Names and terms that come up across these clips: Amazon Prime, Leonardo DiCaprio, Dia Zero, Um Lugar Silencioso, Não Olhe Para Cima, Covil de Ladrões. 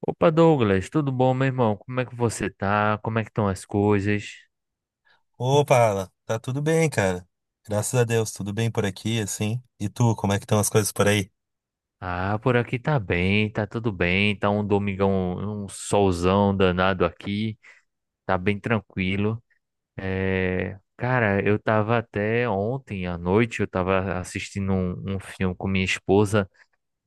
Opa, Douglas, tudo bom, meu irmão? Como é que você tá? Como é que estão as coisas? Opa, Alan, tá tudo bem, cara. Graças a Deus, tudo bem por aqui, assim. E tu, como é que estão as coisas por aí? Ah, por aqui tá bem, tá tudo bem, tá um domingão, um solzão danado aqui, tá bem tranquilo. É, cara, eu tava até ontem à noite, eu tava assistindo um filme com minha esposa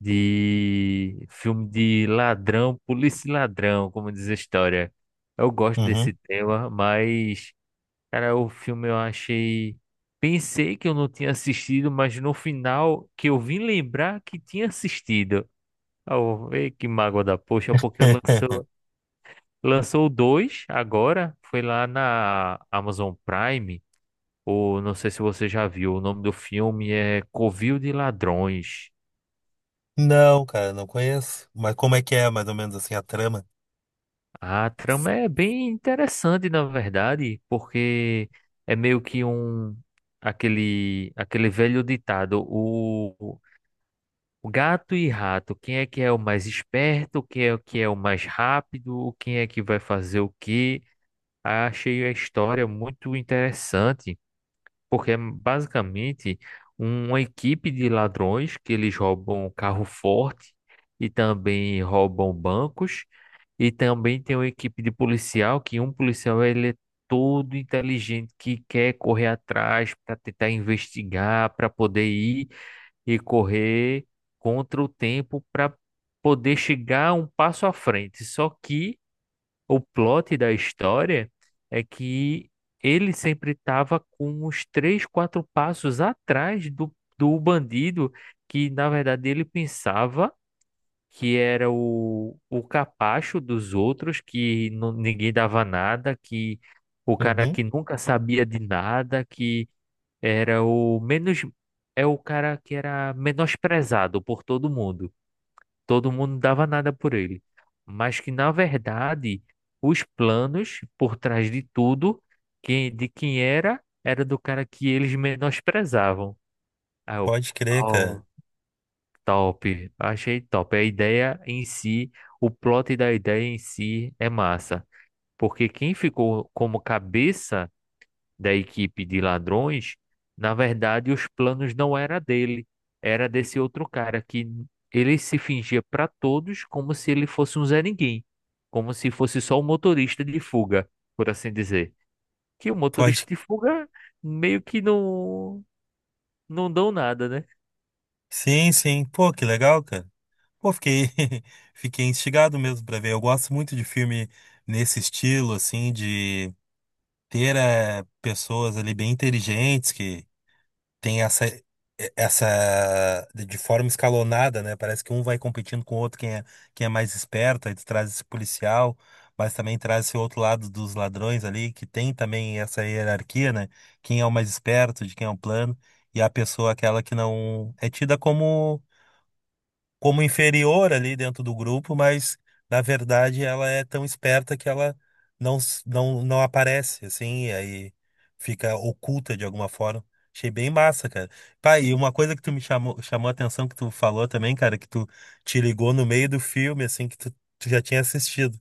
de filme de ladrão, polícia e ladrão, como diz a história. Eu gosto desse Uhum. tema, mas cara, o filme eu achei. Pensei que eu não tinha assistido, mas no final que eu vim lembrar que tinha assistido. Oh, que mágoa da poxa, porque lançou, lançou dois agora. Foi lá na Amazon Prime. Ou não sei se você já viu. O nome do filme é Covil de Ladrões. Não, cara, não conheço. Mas como é que é, mais ou menos assim, a trama? A trama é bem interessante, na verdade, porque é meio que um. Aquele velho ditado, o gato e rato, quem é que é o mais esperto, quem é o que é o mais rápido, quem é que vai fazer o quê? Achei a história muito interessante, porque é basicamente uma equipe de ladrões que eles roubam um carro forte e também roubam bancos, e também tem uma equipe de policial, que um policial ele é todo inteligente que quer correr atrás para tentar investigar, para poder ir e correr contra o tempo para poder chegar um passo à frente. Só que o plot da história é que ele sempre estava com uns três, quatro passos atrás do bandido, que na verdade ele pensava que era o capacho dos outros, que ninguém dava nada, que o cara Uhum. que nunca sabia de nada, que era o menos. É o cara que era menosprezado por todo mundo. Todo mundo dava nada por ele. Mas que, na verdade, os planos por trás de tudo, que, de quem era, era do cara que eles menosprezavam. Aí eu, Pode crer, cara. "Pau, top." Achei top. A ideia em si, o plot da ideia em si é massa. Porque quem ficou como cabeça da equipe de ladrões, na verdade, os planos não era dele, era desse outro cara que ele se fingia para todos como se ele fosse um Zé Ninguém, como se fosse só um motorista de fuga, por assim dizer. Que o motorista Pode. de fuga meio que não dão nada, né? Sim, sim. Pô, que legal, cara. Pô, fiquei, fiquei instigado mesmo pra ver. Eu gosto muito de filme nesse estilo, assim, de ter pessoas ali bem inteligentes que tem essa essa de forma escalonada, né? Parece que um vai competindo com o outro quem é mais esperto, aí tu traz esse policial, mas também traz esse outro lado dos ladrões ali, que tem também essa hierarquia, né? Quem é o mais esperto, de quem é o plano, e a pessoa aquela que não é tida como como inferior ali dentro do grupo, mas na verdade ela é tão esperta que ela não aparece, assim, e aí fica oculta de alguma forma. Achei bem massa, cara. Pá, e uma coisa que tu me chamou, chamou a atenção que tu falou também, cara, que tu te ligou no meio do filme, assim, que tu já tinha assistido.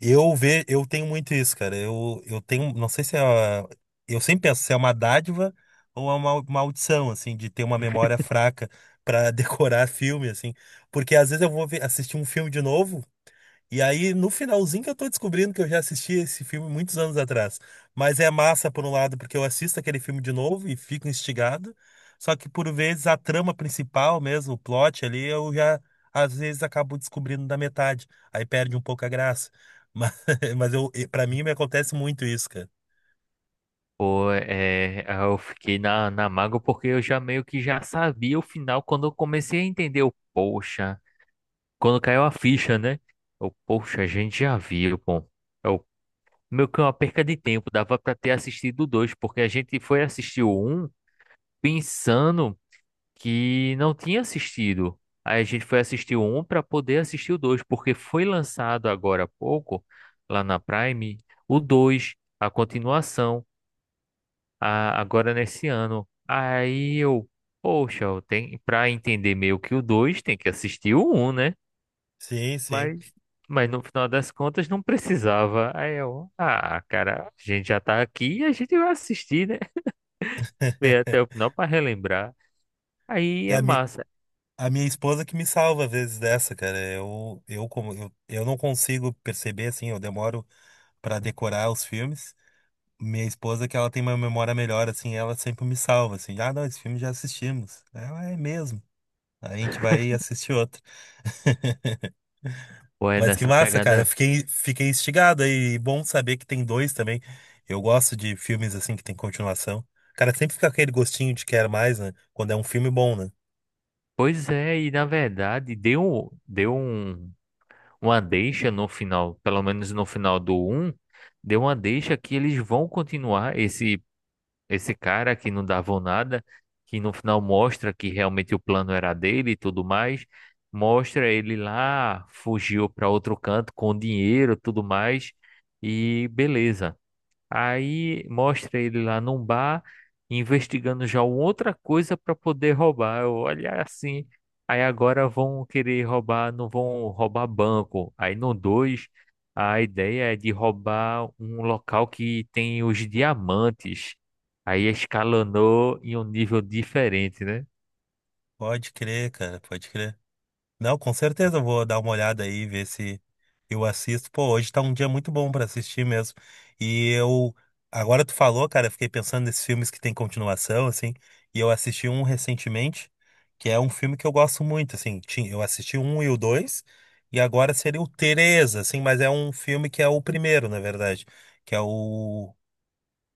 Eu tenho muito isso, cara. Eu tenho, não sei se é, eu sempre penso se é uma dádiva ou é uma maldição, assim, de ter uma memória fraca pra decorar filme, assim, porque às vezes eu assistir um filme de novo. E aí, no finalzinho que eu tô descobrindo que eu já assisti esse filme muitos anos atrás. Mas é massa, por um lado, porque eu assisto aquele filme de novo e fico instigado. Só que, por vezes, a trama principal mesmo, o plot ali, às vezes, acabo descobrindo da metade. Aí perde um pouco a graça. Mas, mas eu, para mim, me acontece muito isso, cara. Pô, eu fiquei na, na mágoa porque eu já meio que já sabia o final quando eu comecei a entender o poxa, quando caiu a ficha, né? O poxa, a gente já viu, pô. Eu, meio que uma perca de tempo, dava pra ter assistido o dois, porque a gente foi assistir o um pensando que não tinha assistido. Aí a gente foi assistir o um para poder assistir o dois, porque foi lançado agora há pouco, lá na Prime, o dois, a continuação, agora nesse ano. Aí eu, poxa, eu tenho, pra entender meio que o dois, tem que assistir o um, né? Sim, sim. Mas, mas no final das contas não precisava. Aí eu, ah, cara, a gente já tá aqui e a gente vai assistir, né? Ver até o final pra relembrar. Aí E é A, mi, massa. a minha esposa que me salva às vezes dessa, cara. Eu não consigo perceber, assim, eu demoro pra decorar os filmes. Minha esposa, que ela tem uma memória melhor, assim, ela sempre me salva, assim, ah, não, esse filme já assistimos. Ela é mesmo. Aí a gente vai assistir outro. Pô, é Mas que nessa massa, cara. Pegada. Fiquei instigado aí. E bom saber que tem dois também. Eu gosto de filmes assim que tem continuação. Cara, sempre fica aquele gostinho de quer mais, né? Quando é um filme bom, né? Pois é, e na verdade deu, deu um, uma deixa no final, pelo menos no final do um deu uma deixa que eles vão continuar esse cara que não davam nada, que no final mostra que realmente o plano era dele e tudo mais, mostra ele lá, fugiu para outro canto com dinheiro, e tudo mais, e beleza. Aí mostra ele lá num bar, investigando já uma outra coisa para poder roubar. Eu, olha é assim. Aí agora vão querer roubar, não vão roubar banco. Aí no 2 a ideia é de roubar um local que tem os diamantes. Aí escalonou em um nível diferente, né? Pode crer, cara, pode crer. Não, com certeza eu vou dar uma olhada aí, ver se eu assisto. Pô, hoje tá um dia muito bom pra assistir mesmo. E eu, agora tu falou, cara, eu fiquei pensando nesses filmes que tem continuação, assim, e eu assisti um recentemente, que é um filme que eu gosto muito, assim, eu assisti o um e o dois, e agora seria o três, assim, mas é um filme que é o primeiro, na verdade, que é o,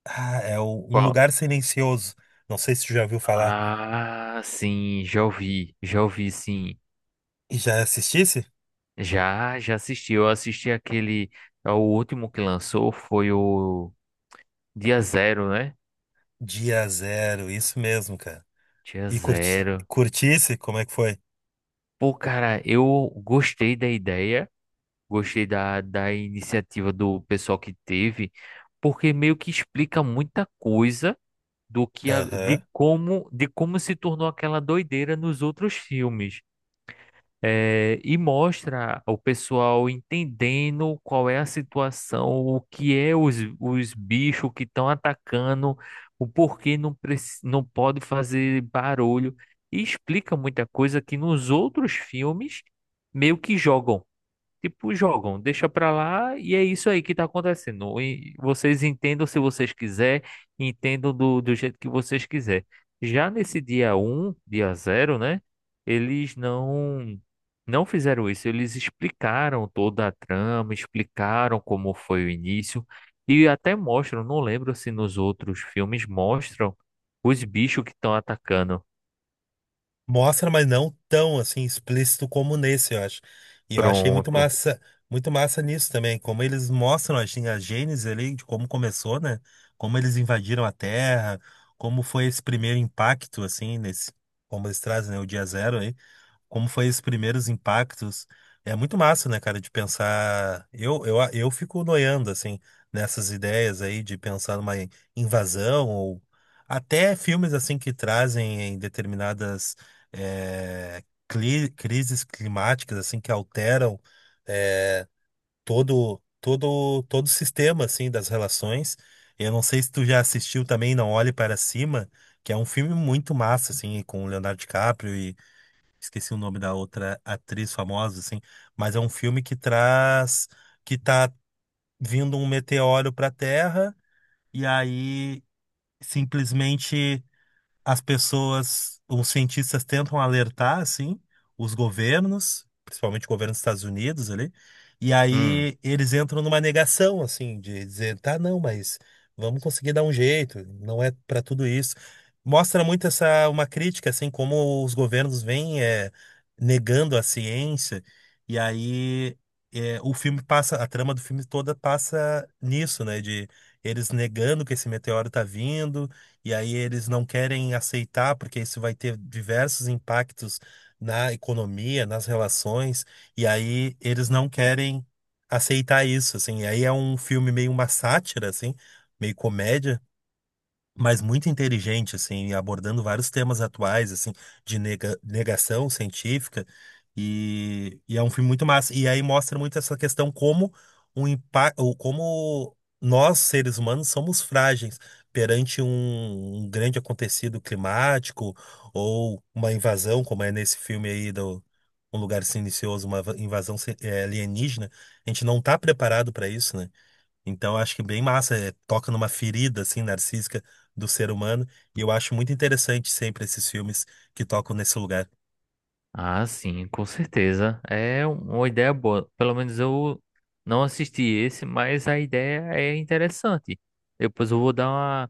ah, é o Um Qual? Lugar Silencioso. Não sei se tu já ouviu falar. Ah, sim, já ouvi, sim. E já assistisse? Já, já assisti. Eu assisti aquele. É o último que lançou foi o Dia Zero, né? Dia Zero, isso mesmo, cara. Dia E curti Zero. curtisse, como é que foi? Pô, cara, eu gostei da ideia, gostei da, da iniciativa do pessoal que teve, porque meio que explica muita coisa do que Aham. de como se tornou aquela doideira nos outros filmes. E mostra o pessoal entendendo qual é a situação, o que é os bichos que estão atacando, o porquê não, não pode fazer barulho, e explica muita coisa que nos outros filmes meio que jogam. Tipo, jogam, deixa pra lá e é isso aí que tá acontecendo. E vocês entendam se vocês quiser, entendam do jeito que vocês quiser. Já nesse dia um, dia zero, né? Eles não fizeram isso, eles explicaram toda a trama, explicaram como foi o início e até mostram, não lembro se nos outros filmes mostram os bichos que estão atacando. Mostra, mas não tão assim explícito como nesse, eu acho. E eu achei Pronto. Muito massa nisso também, como eles mostram assim, a gênese ali de como começou, né? Como eles invadiram a Terra, como foi esse primeiro impacto assim nesse, como eles trazem, né, o dia zero aí, como foi esses primeiros impactos. É muito massa, né, cara, de pensar. Eu fico noiando, assim, nessas ideias aí de pensar numa invasão, ou até filmes, assim, que trazem em determinadas eh, crises climáticas, assim, que alteram eh, todo o sistema, assim, das relações. Eu não sei se tu já assistiu também Não Olhe Para Cima, que é um filme muito massa, assim, com o Leonardo DiCaprio, esqueci o nome da outra atriz famosa, assim, mas é um filme que traz que tá vindo um meteoro pra Terra e aí simplesmente as pessoas, os cientistas tentam alertar, assim, os governos, principalmente o governo dos Estados Unidos ali, e Hum. aí eles entram numa negação, assim, de dizer, tá, não, mas vamos conseguir dar um jeito, não é para tudo isso. Mostra uma crítica, assim, como os governos vêm negando a ciência, e aí o filme passa, a trama do filme toda passa nisso, né, de eles negando que esse meteoro tá vindo, e aí eles não querem aceitar, porque isso vai ter diversos impactos na economia, nas relações, e aí eles não querem aceitar isso, assim. E aí é um filme meio uma sátira, assim, meio comédia, mas muito inteligente, assim, abordando vários temas atuais, assim, de negação científica, e é um filme muito massa. E aí mostra muito essa questão como o impacto, como nós, seres humanos, somos frágeis perante um grande acontecido climático ou uma invasão, como é nesse filme aí do Um Lugar Silencioso, uma invasão alienígena. A gente não está preparado para isso, né? Então, eu acho que bem massa, é, toca numa ferida assim narcísica do ser humano, e eu acho muito interessante sempre esses filmes que tocam nesse lugar. Ah, sim, com certeza. Uma ideia boa. Pelo menos eu não assisti esse, mas a ideia é interessante. Depois eu vou dar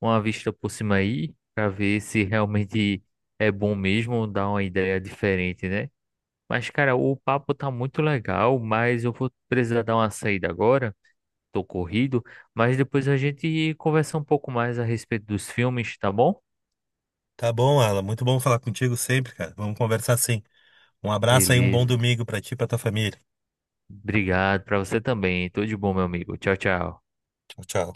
uma vista por cima aí, pra ver se realmente é bom mesmo, dar uma ideia diferente, né? Mas, cara, o papo tá muito legal, mas eu vou precisar dar uma saída agora. Tô corrido, mas depois a gente conversa um pouco mais a respeito dos filmes, tá bom? Tá bom, Alan, muito bom falar contigo sempre, cara. Vamos conversar sim. Um abraço aí, um bom Beleza. domingo pra ti e pra tua família. Obrigado pra você também. Tudo de bom, meu amigo. Tchau, tchau. Tchau, tchau.